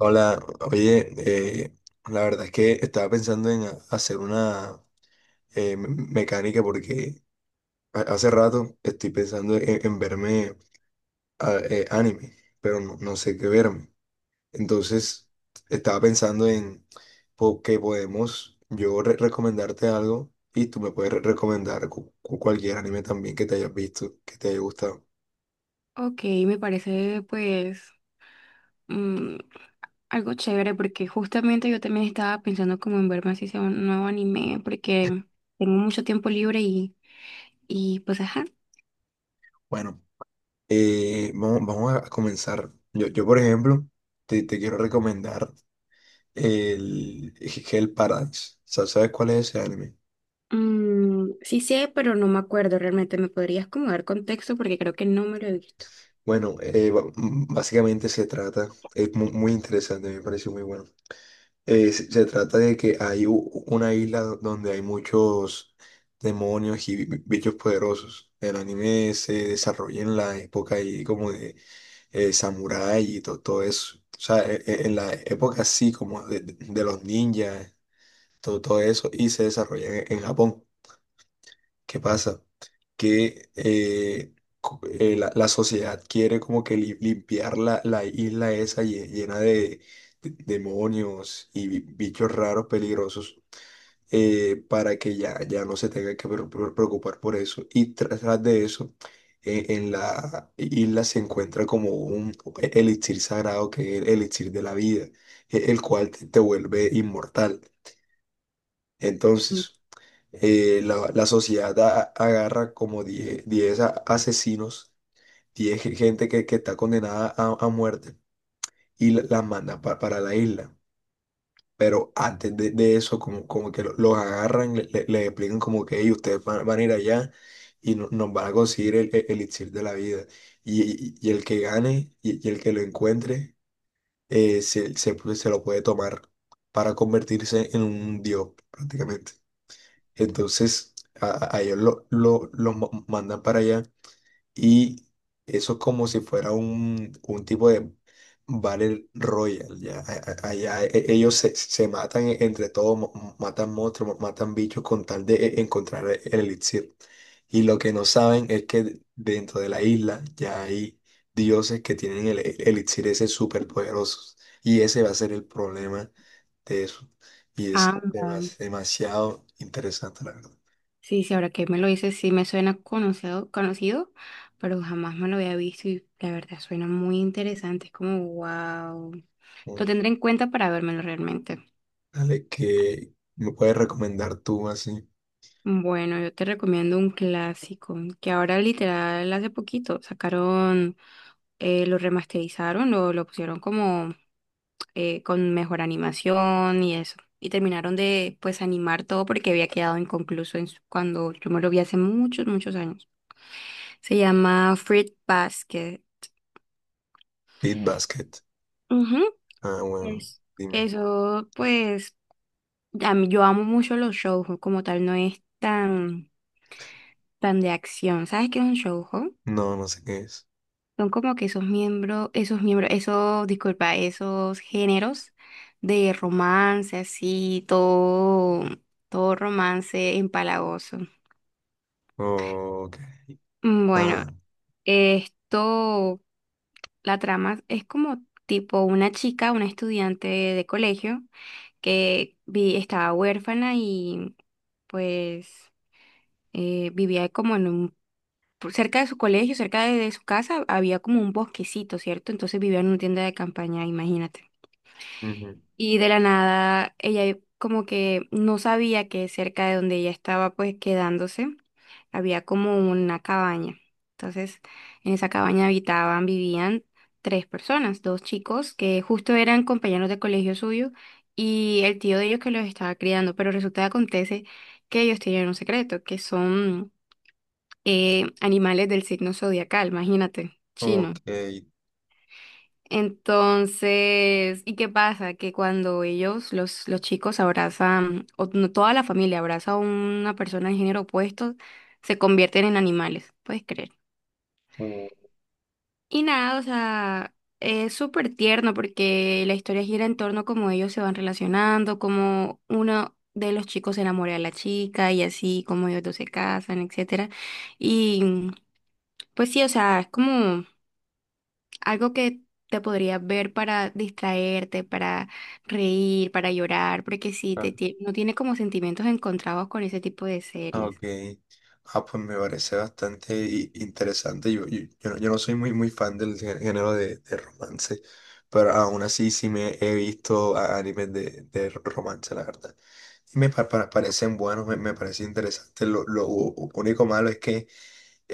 Hola, oye, eh, la verdad es que estaba pensando en hacer una mecánica porque hace rato estoy pensando en verme anime, pero no, no sé qué verme. Entonces, estaba pensando en que podemos yo recomendarte algo y tú me puedes recomendar cualquier anime también que te hayas visto, que te haya gustado. Ok, me parece pues mm, algo chévere porque justamente yo también estaba pensando como en verme así sea un nuevo anime porque tengo mucho tiempo libre y pues ajá. Bueno, vamos a comenzar. Yo, por ejemplo, te quiero recomendar el Hell Paradise. ¿Sabes cuál es ese anime? Mm, sí sé, pero no me acuerdo realmente. ¿Me podrías como dar contexto? Porque creo que no me lo he visto. Bueno, básicamente se trata, es muy interesante, me pareció muy bueno. Se trata de que hay una isla donde hay muchos demonios y bichos poderosos. El anime se desarrolla en la época ahí como de samurái y todo eso. O sea, en la época así como de los ninjas, todo, todo eso, y se desarrolla en Japón. ¿Qué pasa? Que la sociedad quiere como que limpiar la isla esa llena demonios y bichos raros peligrosos, para que ya, ya no se tenga que preocupar por eso. Y tras de eso, en la isla se encuentra como un elixir sagrado que es el elixir de la vida, el cual te vuelve inmortal. Mm, Entonces, la sociedad agarra como diez asesinos, 10 gente que está condenada a muerte y las manda para la isla. Pero antes de eso, como que los agarran, les explican como que "Ey, ustedes van a ir allá y nos van a conseguir el elixir de la vida. Y el que gane y el que lo encuentre se lo puede tomar para convertirse en un dios prácticamente. Entonces, a ellos mandan para allá y eso es como si fuera un tipo de Battle Royale. Ya. Allá ellos se matan entre todos, matan monstruos, matan bichos con tal de encontrar el elixir. Y lo que no saben es que dentro de la isla ya hay dioses que tienen el elixir ese súper poderosos. Y ese va a ser el problema de eso. Y es ah, mm, demasiado interesante, la verdad. sí, sí, ahora que me lo dices, sí me suena conocido, pero jamás me lo había visto y la verdad suena muy interesante. Es como, wow. Oh, Lo tendré en cuenta para vérmelo realmente. dale, que me puedes recomendar tú así? Bueno, yo te recomiendo un clásico que ahora literal hace poquito sacaron, lo remasterizaron, lo pusieron como con mejor animación y eso. Y terminaron de pues animar todo porque había quedado inconcluso en cuando yo me lo vi hace muchos, muchos años. Se llama Fruit Basket. Beat Basket. Ujú, Ah, bueno, es- dime. eso pues yo amo mucho los shoujo, como tal no es tan de acción. ¿Sabes qué es un shoujo? No, no sé qué es. Son como que esos miembros, disculpa, esos géneros de romance, así, todo romance empalagoso. Ok. Mm, bueno, Ah, esto, la trama es como tipo una chica, una estudiante de colegio que estaba huérfana y pues vivía como en un, por cerca de su colegio, cerca de su casa, había como un bosquecito, ¿cierto? Entonces vivía en una tienda de campaña, imagínate. ujú. Y de la nada ella como que no sabía que cerca de donde ella estaba pues quedándose había como una cabaña. Entonces, en esa cabaña habitaban, vivían tres personas, dos chicos que justo eran compañeros de colegio suyo y el tío de ellos que los estaba criando, pero resulta que acontece que ellos tienen un secreto, que son animales del signo zodiacal, imagínate, Ok. chino. Entonces, ¿y qué pasa? Que cuando ellos, los chicos abrazan, o no, toda la familia abraza a una persona de género opuesto, se convierten en animales, ¿puedes creer? Uh, Y nada, o sea, es súper tierno porque la historia gira en torno a cómo ellos se van relacionando, cómo uno de los chicos se enamora de la chica y así, cómo ellos dos se casan, etcétera. Y pues sí, o sea, es como algo que te podrías ver para distraerte, para reír, para llorar, porque sí ah, te, no tiene como sentimientos encontrados con ese tipo de ah, series. ok. Ah, pues me parece bastante interesante. Yo no soy muy, muy fan del género de romance, pero aún así sí me he visto animes de romance, la verdad. Y me parecen buenos, me parece interesante. Lo único malo es que,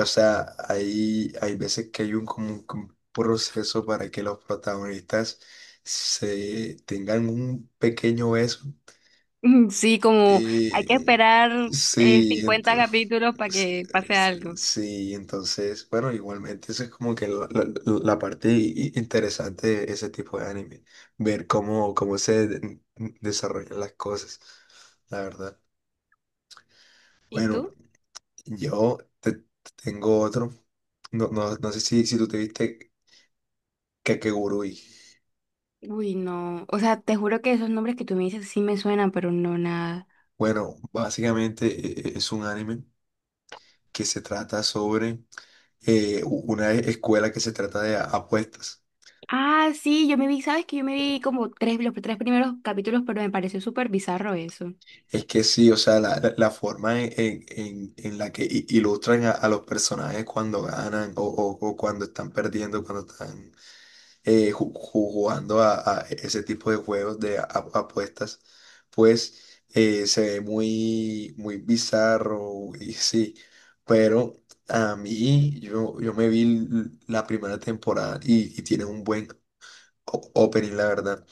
o sea, hay veces que hay como un proceso para que los protagonistas se tengan un pequeño beso. Mm, sí, como hay que Eh, esperar sí, 50 entonces, capítulos para que pase algo. sí, entonces, bueno, igualmente eso es como que la parte interesante de ese tipo de anime, ver cómo se desarrollan las cosas, la verdad. ¿Y Bueno, tú? yo te tengo otro. No, no, no sé si tú te viste Kakegurui. Uy, no. O sea, te juro que esos nombres que tú me dices sí me suenan, pero no nada. Bueno, básicamente es un anime que se trata sobre una escuela que se trata de apuestas. Ah, sí, yo me vi, sabes que yo me vi como tres, los tres primeros capítulos, pero me pareció súper bizarro eso. Es que sí, o sea, la forma en la que ilustran a los personajes cuando ganan o cuando están perdiendo, cuando están jugando a ese tipo de juegos de apuestas, pues se ve muy, muy bizarro y sí, pero a mí yo me vi la primera temporada y tiene un buen opening, la verdad.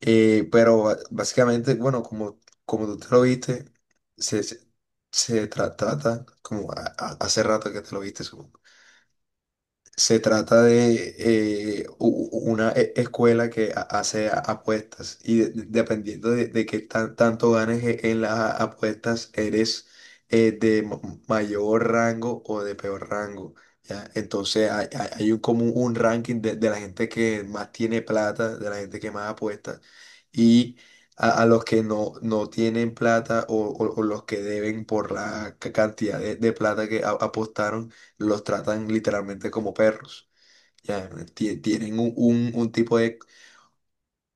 Pero básicamente, bueno, como tú te lo viste, se, se, se trata, como hace rato que te lo viste, se trata de una escuela que hace apuestas y dependiendo de qué tanto ganes en las apuestas, eres de mayor rango o de peor rango. ¿Ya? Entonces hay como un ranking de la gente que más tiene plata, de la gente que más apuesta, y a los que no, no tienen plata o los que deben por la cantidad de plata que apostaron los tratan literalmente como perros. Ya, tienen un tipo de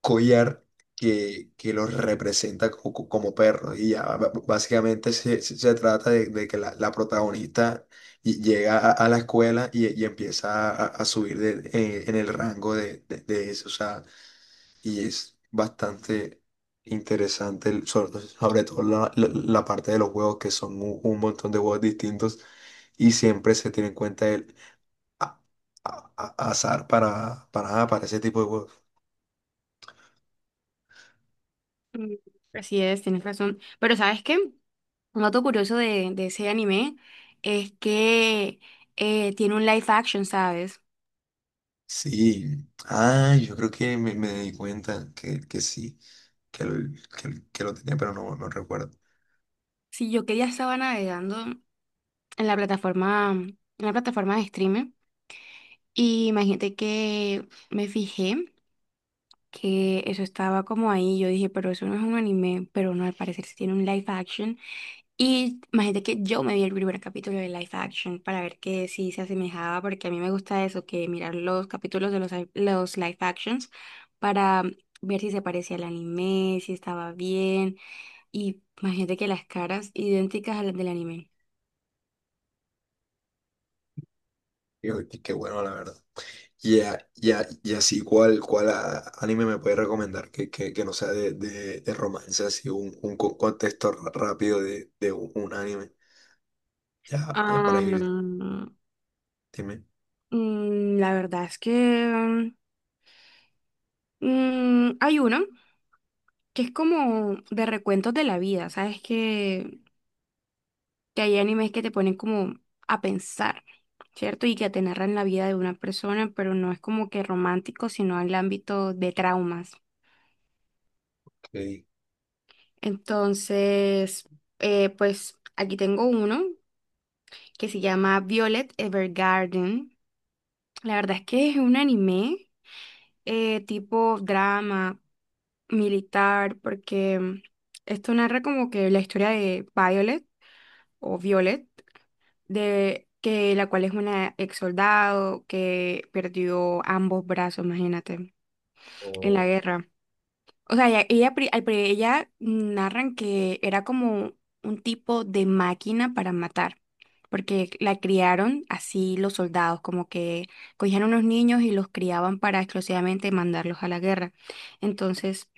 collar que los representa como perros. Y ya básicamente se trata de que la protagonista llega a la escuela y empieza a subir en el rango de eso. O sea, y es bastante interesante, sobre todo la parte de los juegos, que son un montón de juegos distintos y siempre se tiene en cuenta el, a- azar para ese tipo de juegos. Mm, así es, tienes razón. Pero ¿sabes qué? Un dato curioso de ese anime es que tiene un live action, ¿sabes? Sí, ah, yo creo que me di cuenta que sí, que lo, que lo tenía, pero no, no recuerdo. Si yo que ya estaba navegando en la plataforma de streaming, y imagínate que me fijé que eso estaba como ahí. Yo dije, pero eso no es un anime, pero no, al parecer sí tiene un live action. Y imagínate que yo me vi el primer capítulo de Life Action para ver que si se asemejaba, porque a mí me gusta eso, que mirar los capítulos de los, los Life Actions para ver si se parecía al anime, si estaba bien. Y imagínate que las caras idénticas a las del anime. Y, y qué bueno, la verdad. Y así, ¿cuál anime me puede recomendar que no sea de romance, así un contexto rápido de un anime? Ya, ya para Ah, ir, mm, dime. la verdad es que mm, hay uno que es como de recuentos de la vida, ¿sabes? Que hay animes que te ponen como a pensar, ¿cierto? Y que te narran la vida de una persona, pero no es como que romántico, sino en el ámbito de traumas. Ok, Entonces, pues aquí tengo uno que se llama Violet Evergarden. La verdad es que es un anime tipo drama militar, porque esto narra como que la historia de Violet o Violet de que la cual es una ex soldado que perdió ambos brazos, imagínate, en la ok, guerra. O sea, ella, ella narran que era como un tipo de máquina para matar, porque la criaron así los soldados, como que cogían unos niños y los criaban para exclusivamente mandarlos a la guerra. Entonces,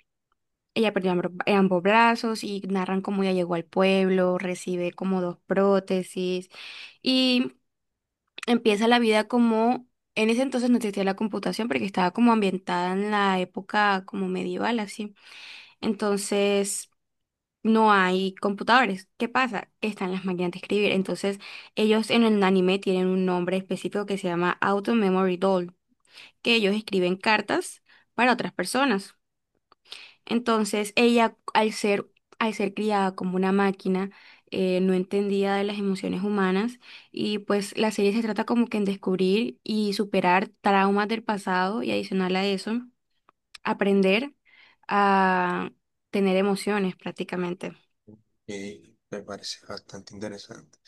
ella perdió ambos brazos y narran cómo ella llegó al pueblo, recibe como dos prótesis, y empieza la vida como, en ese entonces no existía la computación porque estaba como ambientada en la época como medieval, así. Entonces, no hay computadores. ¿Qué pasa? Que están las máquinas de escribir. Entonces, ellos en el anime tienen un nombre específico que se llama Auto Memory Doll, que ellos escriben cartas para otras personas. Entonces ella, al ser criada como una máquina, no entendía de las emociones humanas y pues la serie se trata como que en descubrir y superar traumas del pasado y adicional a eso, aprender a tener emociones prácticamente. me parece bastante interesante.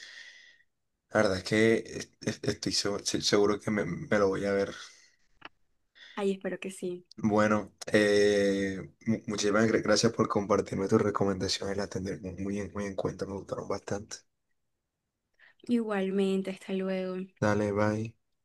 La verdad es que estoy seguro que me lo voy a ver. Ay, espero que sí. Bueno, muchísimas gracias por compartirme tus recomendaciones, las tendré muy en cuenta, me gustaron bastante. Igualmente, hasta luego. Dale, bye.